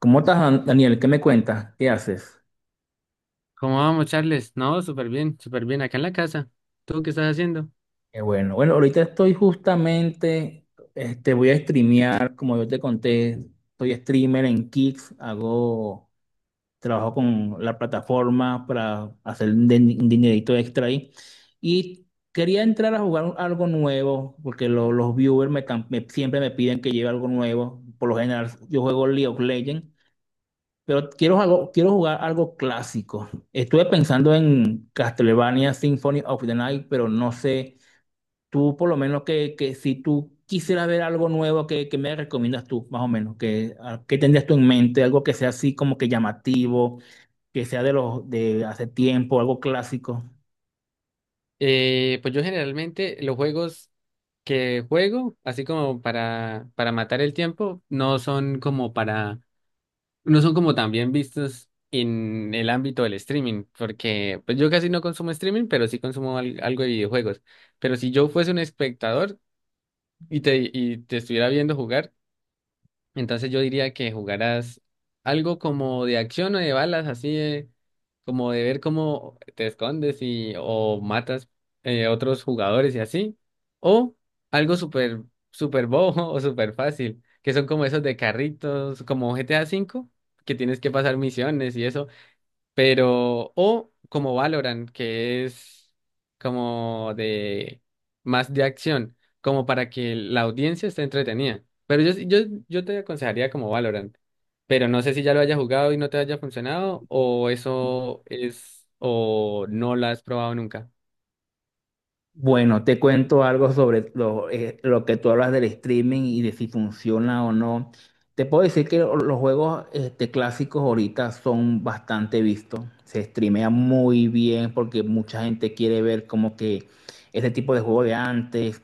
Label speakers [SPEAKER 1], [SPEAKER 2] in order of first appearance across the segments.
[SPEAKER 1] ¿Cómo estás, Daniel? ¿Qué me cuentas? ¿Qué haces?
[SPEAKER 2] ¿Cómo vamos, Charles? No, súper bien, súper bien. Acá en la casa. ¿Tú qué estás haciendo?
[SPEAKER 1] Qué bueno. Bueno, ahorita estoy justamente, voy a streamear, como yo te conté, soy streamer en Kicks, trabajo con la plataforma para hacer un dinerito extra ahí. Y quería entrar a jugar algo nuevo, porque los viewers siempre me piden que lleve algo nuevo. Por lo general, yo juego League of Legends. Pero quiero jugar algo clásico. Estuve pensando en Castlevania Symphony of the Night, pero no sé, tú por lo menos que si tú quisieras ver algo nuevo, ¿qué me recomiendas tú, más o menos? ¿Qué tendrías tú en mente? Algo que sea así como que llamativo, que sea de los de hace tiempo, algo clásico.
[SPEAKER 2] Pues yo generalmente los juegos que juego, así como para matar el tiempo, no son como no son como tan bien vistos en el ámbito del streaming, porque pues yo casi no consumo streaming, pero sí consumo algo de videojuegos. Pero si yo fuese un espectador y te estuviera viendo jugar, entonces yo diría que jugaras algo como de acción o de balas, como de ver cómo te escondes y o matas otros jugadores y así. O algo súper bobo o súper fácil, que son como esos de carritos, como GTA cinco que tienes que pasar misiones y eso. Pero, o como Valorant, que es como de más de acción, como para que la audiencia esté entretenida. Pero yo, yo te aconsejaría como Valorant. Pero no sé si ya lo hayas jugado y no te haya funcionado, o eso es, o no lo has probado nunca.
[SPEAKER 1] Bueno, te cuento algo sobre lo que tú hablas del streaming y de si funciona o no. Te puedo decir que los juegos clásicos ahorita son bastante vistos. Se streamea muy bien porque mucha gente quiere ver como que ese tipo de juego de antes.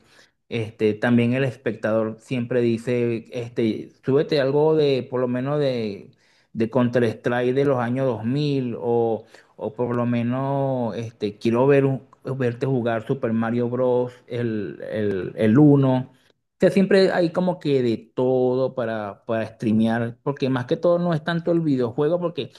[SPEAKER 1] También el espectador siempre dice, súbete algo de, por lo menos de Counter-Strike de los años 2000 o... O por lo menos quiero ver verte jugar Super Mario Bros. el uno. O sea, siempre hay como que de todo para streamear, porque más que todo no es tanto el videojuego, porque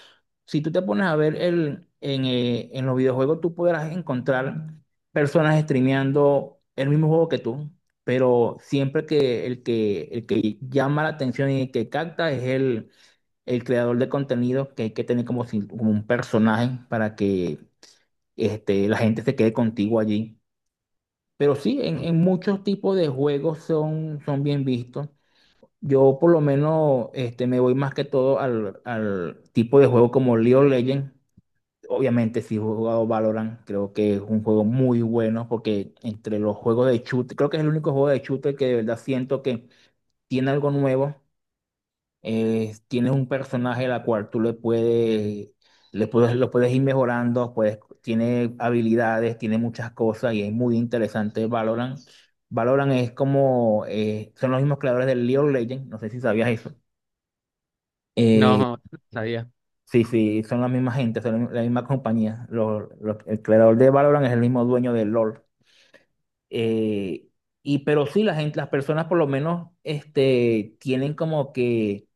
[SPEAKER 1] si tú te pones a ver en los videojuegos, tú podrás encontrar personas streameando el mismo juego que tú, pero siempre que el que llama la atención y el que capta es el creador de contenido, que hay que tener como, como un personaje para que la gente se quede contigo allí. Pero sí, en muchos tipos de juegos son, bien vistos. Yo por lo menos me voy más que todo al tipo de juego como League of Legends. Obviamente sí he jugado Valorant, creo que es un juego muy bueno porque entre los juegos de shooter, creo que es el único juego de shooter que de verdad siento que tiene algo nuevo. Tienes un personaje la cual tú le puedes, lo puedes ir mejorando, puedes, tiene habilidades, tiene muchas cosas y es muy interesante Valorant. Valorant es como, son los mismos creadores del League of Legends, no sé si sabías eso.
[SPEAKER 2] No,
[SPEAKER 1] Eh,
[SPEAKER 2] no sabía.
[SPEAKER 1] sí, sí, son la misma gente, son la misma compañía. El creador de Valorant es el mismo dueño de LoL. Eh, y pero sí, la gente, las personas por lo menos tienen como que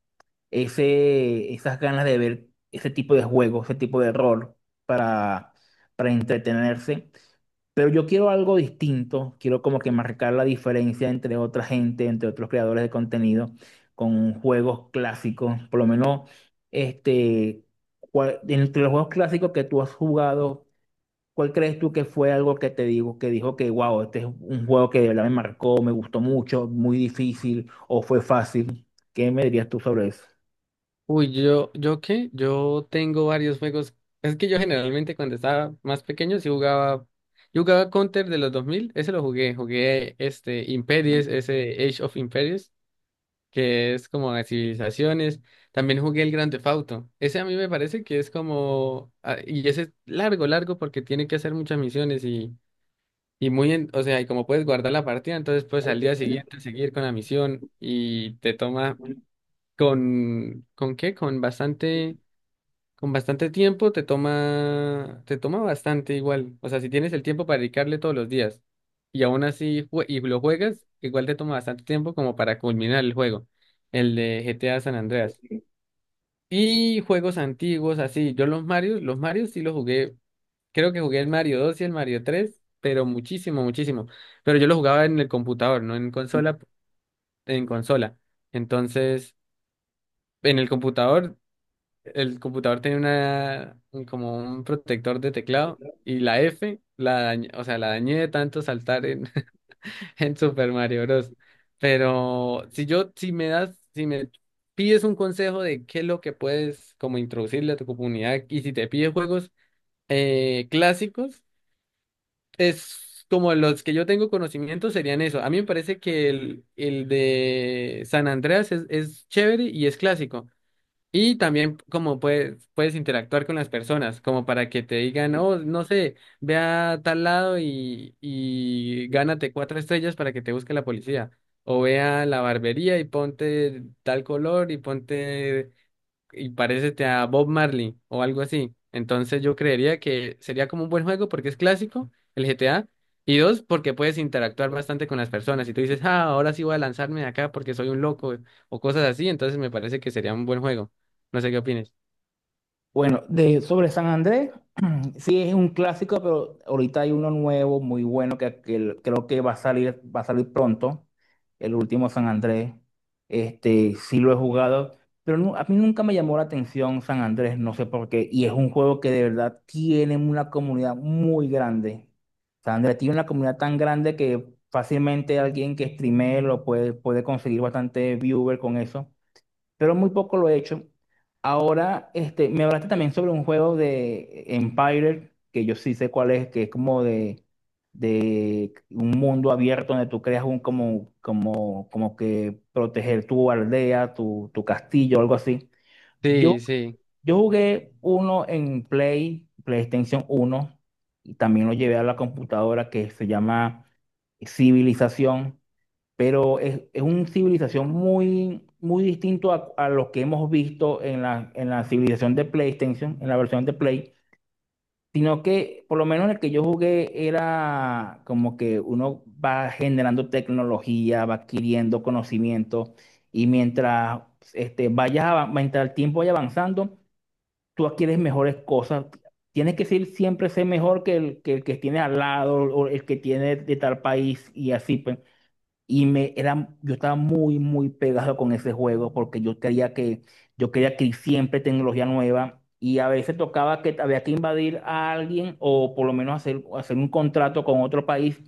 [SPEAKER 1] esas ganas de ver ese tipo de juego, ese tipo de rol para, para entretenerse. Pero yo quiero algo distinto, quiero como que marcar la diferencia entre otra gente, entre otros creadores de contenido, con juegos clásicos, por lo menos este, entre los juegos clásicos que tú has jugado, ¿cuál crees tú que fue algo que que dijo que wow, este es un juego que de verdad me marcó, me gustó mucho, muy difícil o fue fácil? ¿Qué me dirías tú sobre eso?
[SPEAKER 2] Uy, yo, ¿yo qué? Yo tengo varios juegos. Es que yo generalmente cuando estaba más pequeño sí jugaba, yo jugaba Counter de los 2000. Ese lo jugué, jugué este Imperials, ese Age of Imperials, que es como de civilizaciones. También jugué el Grand Theft Auto. Ese a mí me parece que es como, ah, y ese es largo, largo porque tiene que hacer muchas misiones y muy, o sea, y como puedes guardar la partida, entonces puedes al día siguiente seguir con la misión y te toma ¿con qué? con bastante con bastante tiempo te toma bastante igual. O sea, si tienes el tiempo para dedicarle todos los días y aún así y lo juegas, igual te toma bastante tiempo como para culminar el juego, el de GTA San Andreas. Y juegos antiguos, así, yo los Marios sí los jugué, creo que jugué el Mario 2 y el Mario 3, pero muchísimo, muchísimo. Pero yo los jugaba en el computador, no en consola, en consola. Entonces, en el computador. El computador tenía como un protector de teclado y la F, o sea, la dañé de tanto saltar en, en Super Mario Bros. Pero si me das, si me pides un consejo de qué es lo que puedes como introducirle a tu comunidad y si te pides juegos clásicos, es como los que yo tengo conocimiento serían eso. A mí me parece que el de San Andreas es chévere y es clásico. Y también como puedes interactuar con las personas, como para que te digan, oh, no sé, ve a tal lado y gánate cuatro estrellas para que te busque la policía. O ve a la barbería y ponte tal color y ponte y parécete a Bob Marley o algo así. Entonces yo creería que sería como un buen juego porque es clásico, el GTA, y dos, porque puedes interactuar bastante con las personas. Y tú dices, ah, ahora sí voy a lanzarme de acá porque soy un loco o cosas así, entonces me parece que sería un buen juego. No sé qué opines.
[SPEAKER 1] Bueno, sobre San Andrés, sí es un clásico, pero ahorita hay uno nuevo, muy bueno, creo que va a salir pronto, el último San Andrés. Este, sí lo he jugado, pero a mí nunca me llamó la atención San Andrés, no sé por qué, y es un juego que de verdad tiene una comunidad muy grande. San Andrés tiene una comunidad tan grande que fácilmente alguien que streamee lo puede, puede conseguir bastante viewer con eso, pero muy poco lo he hecho. Ahora, me hablaste también sobre un juego de Empire, que yo sí sé cuál es, que es como de, un mundo abierto donde tú creas un como que proteger tu aldea, tu castillo, algo así. Yo,
[SPEAKER 2] Sí, sí.
[SPEAKER 1] yo jugué uno en Play, PlayStation uno, y también lo llevé a la computadora, que se llama Civilización, pero es una civilización muy, muy distinto a, lo que hemos visto en la civilización de PlayStation, en la versión de Play, sino que por lo menos en el que yo jugué era como que uno va generando tecnología, va adquiriendo conocimiento y mientras, mientras el tiempo vaya avanzando, tú adquieres mejores cosas. Tienes que ser, siempre ser mejor que el que tienes al lado o el que tiene de tal país y así, pues. Y me era, yo estaba muy, muy pegado con ese juego porque yo quería que siempre tecnología nueva, y a veces tocaba que había que invadir a alguien o por lo menos hacer, un contrato con otro país,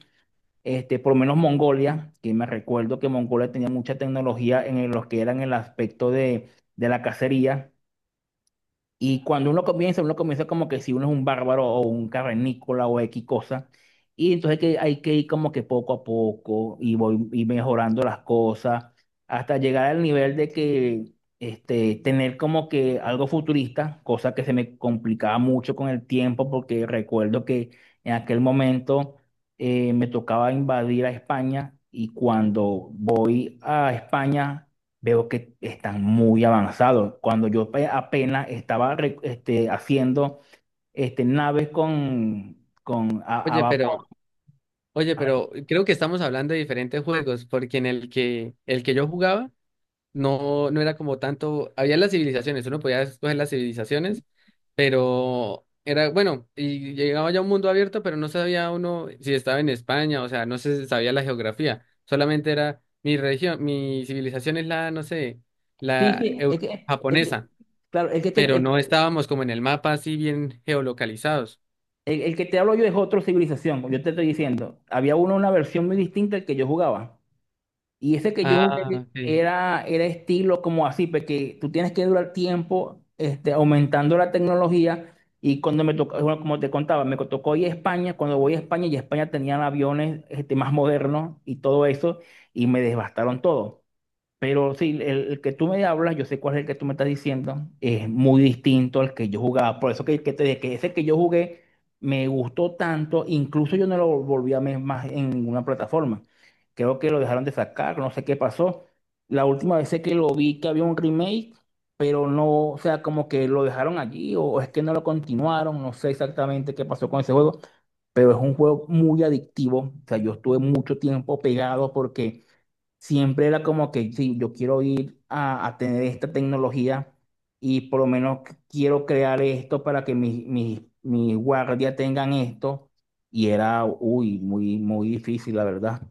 [SPEAKER 1] por lo menos Mongolia, que me recuerdo que Mongolia tenía mucha tecnología en lo que era en el aspecto de la cacería, y cuando uno comienza como que si uno es un bárbaro o un cavernícola o X cosa. Y entonces hay que ir como que poco a poco y voy y mejorando las cosas hasta llegar al nivel de que tener como que algo futurista, cosa que se me complicaba mucho con el tiempo porque recuerdo que en aquel momento me tocaba invadir a España, y cuando voy a España veo que están muy avanzados. Cuando apenas estaba haciendo naves con a
[SPEAKER 2] Oye,
[SPEAKER 1] vapor.
[SPEAKER 2] pero, oye, pero creo que estamos hablando de diferentes juegos, porque en el que yo jugaba no, no era como tanto, había las civilizaciones, uno podía escoger las civilizaciones, pero era, bueno, y llegaba ya a un mundo abierto, pero no sabía uno si estaba en España, o sea, no se sabía la geografía, solamente era mi región, mi civilización es la, no sé,
[SPEAKER 1] Sí, sí,
[SPEAKER 2] japonesa,
[SPEAKER 1] claro, el que, te-
[SPEAKER 2] pero
[SPEAKER 1] el,
[SPEAKER 2] no estábamos como en el mapa así bien geolocalizados.
[SPEAKER 1] el- el que te hablo yo es otra civilización, como yo te estoy diciendo. Había una versión muy distinta que yo jugaba. Y ese que yo
[SPEAKER 2] Ah,
[SPEAKER 1] jugué
[SPEAKER 2] ok.
[SPEAKER 1] era estilo como así, porque tú tienes que durar tiempo aumentando la tecnología. Y cuando me tocó, bueno, como te contaba, me tocó ir a España. Cuando voy a España, y España tenían aviones más modernos y todo eso, y me devastaron todo. Pero sí, el que tú me hablas, yo sé cuál es el que tú me estás diciendo, es muy distinto al que yo jugaba. Por eso que, te dije que ese que yo jugué me gustó tanto, incluso yo no lo volví a ver más en ninguna plataforma. Creo que lo dejaron de sacar, no sé qué pasó. La última vez sé que lo vi que había un remake, pero no, o sea, como que lo dejaron allí, o, es que no lo continuaron, no sé exactamente qué pasó con ese juego, pero es un juego muy adictivo. O sea, yo estuve mucho tiempo pegado porque siempre era como que, sí, yo quiero ir a, tener esta tecnología y por lo menos quiero crear esto para que mis guardias tengan esto. Y era, uy, muy, muy difícil, la verdad.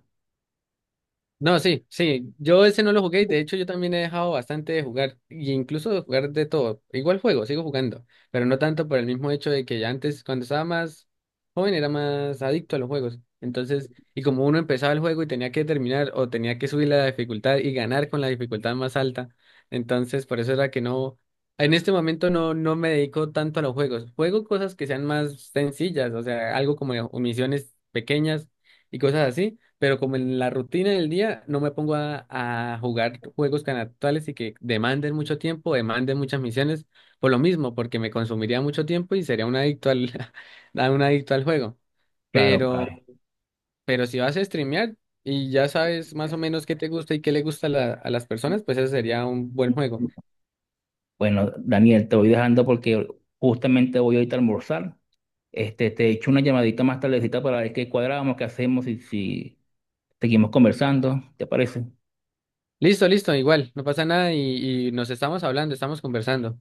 [SPEAKER 2] No, sí, sí, yo ese no lo jugué, y de hecho yo también he dejado bastante de jugar, y incluso de jugar de todo, igual juego, sigo jugando, pero no tanto por el mismo hecho de que ya antes, cuando estaba más joven, era más adicto a los juegos, entonces, y como uno empezaba el juego y tenía que terminar, o tenía que subir la dificultad y ganar con la dificultad más alta, entonces por eso era que no, en este momento no, no me dedico tanto a los juegos, juego cosas que sean más sencillas, o sea, algo como misiones pequeñas y cosas así pero como en la rutina del día no me pongo a jugar juegos tan actuales y que demanden mucho tiempo, demanden muchas misiones, por lo mismo, porque me consumiría mucho tiempo y sería un adicto a un adicto al juego.
[SPEAKER 1] Claro,
[SPEAKER 2] Pero,
[SPEAKER 1] claro.
[SPEAKER 2] pero si vas a streamear y ya sabes más o menos qué te gusta y qué le gusta a las personas, pues eso sería un buen juego.
[SPEAKER 1] Bueno, Daniel, te voy dejando porque justamente voy ahorita a almorzar. Este, te echo una llamadita más tardecita para ver qué cuadramos, qué hacemos y si seguimos conversando, ¿te parece?
[SPEAKER 2] Listo, listo, igual, no pasa nada y nos estamos hablando, estamos conversando.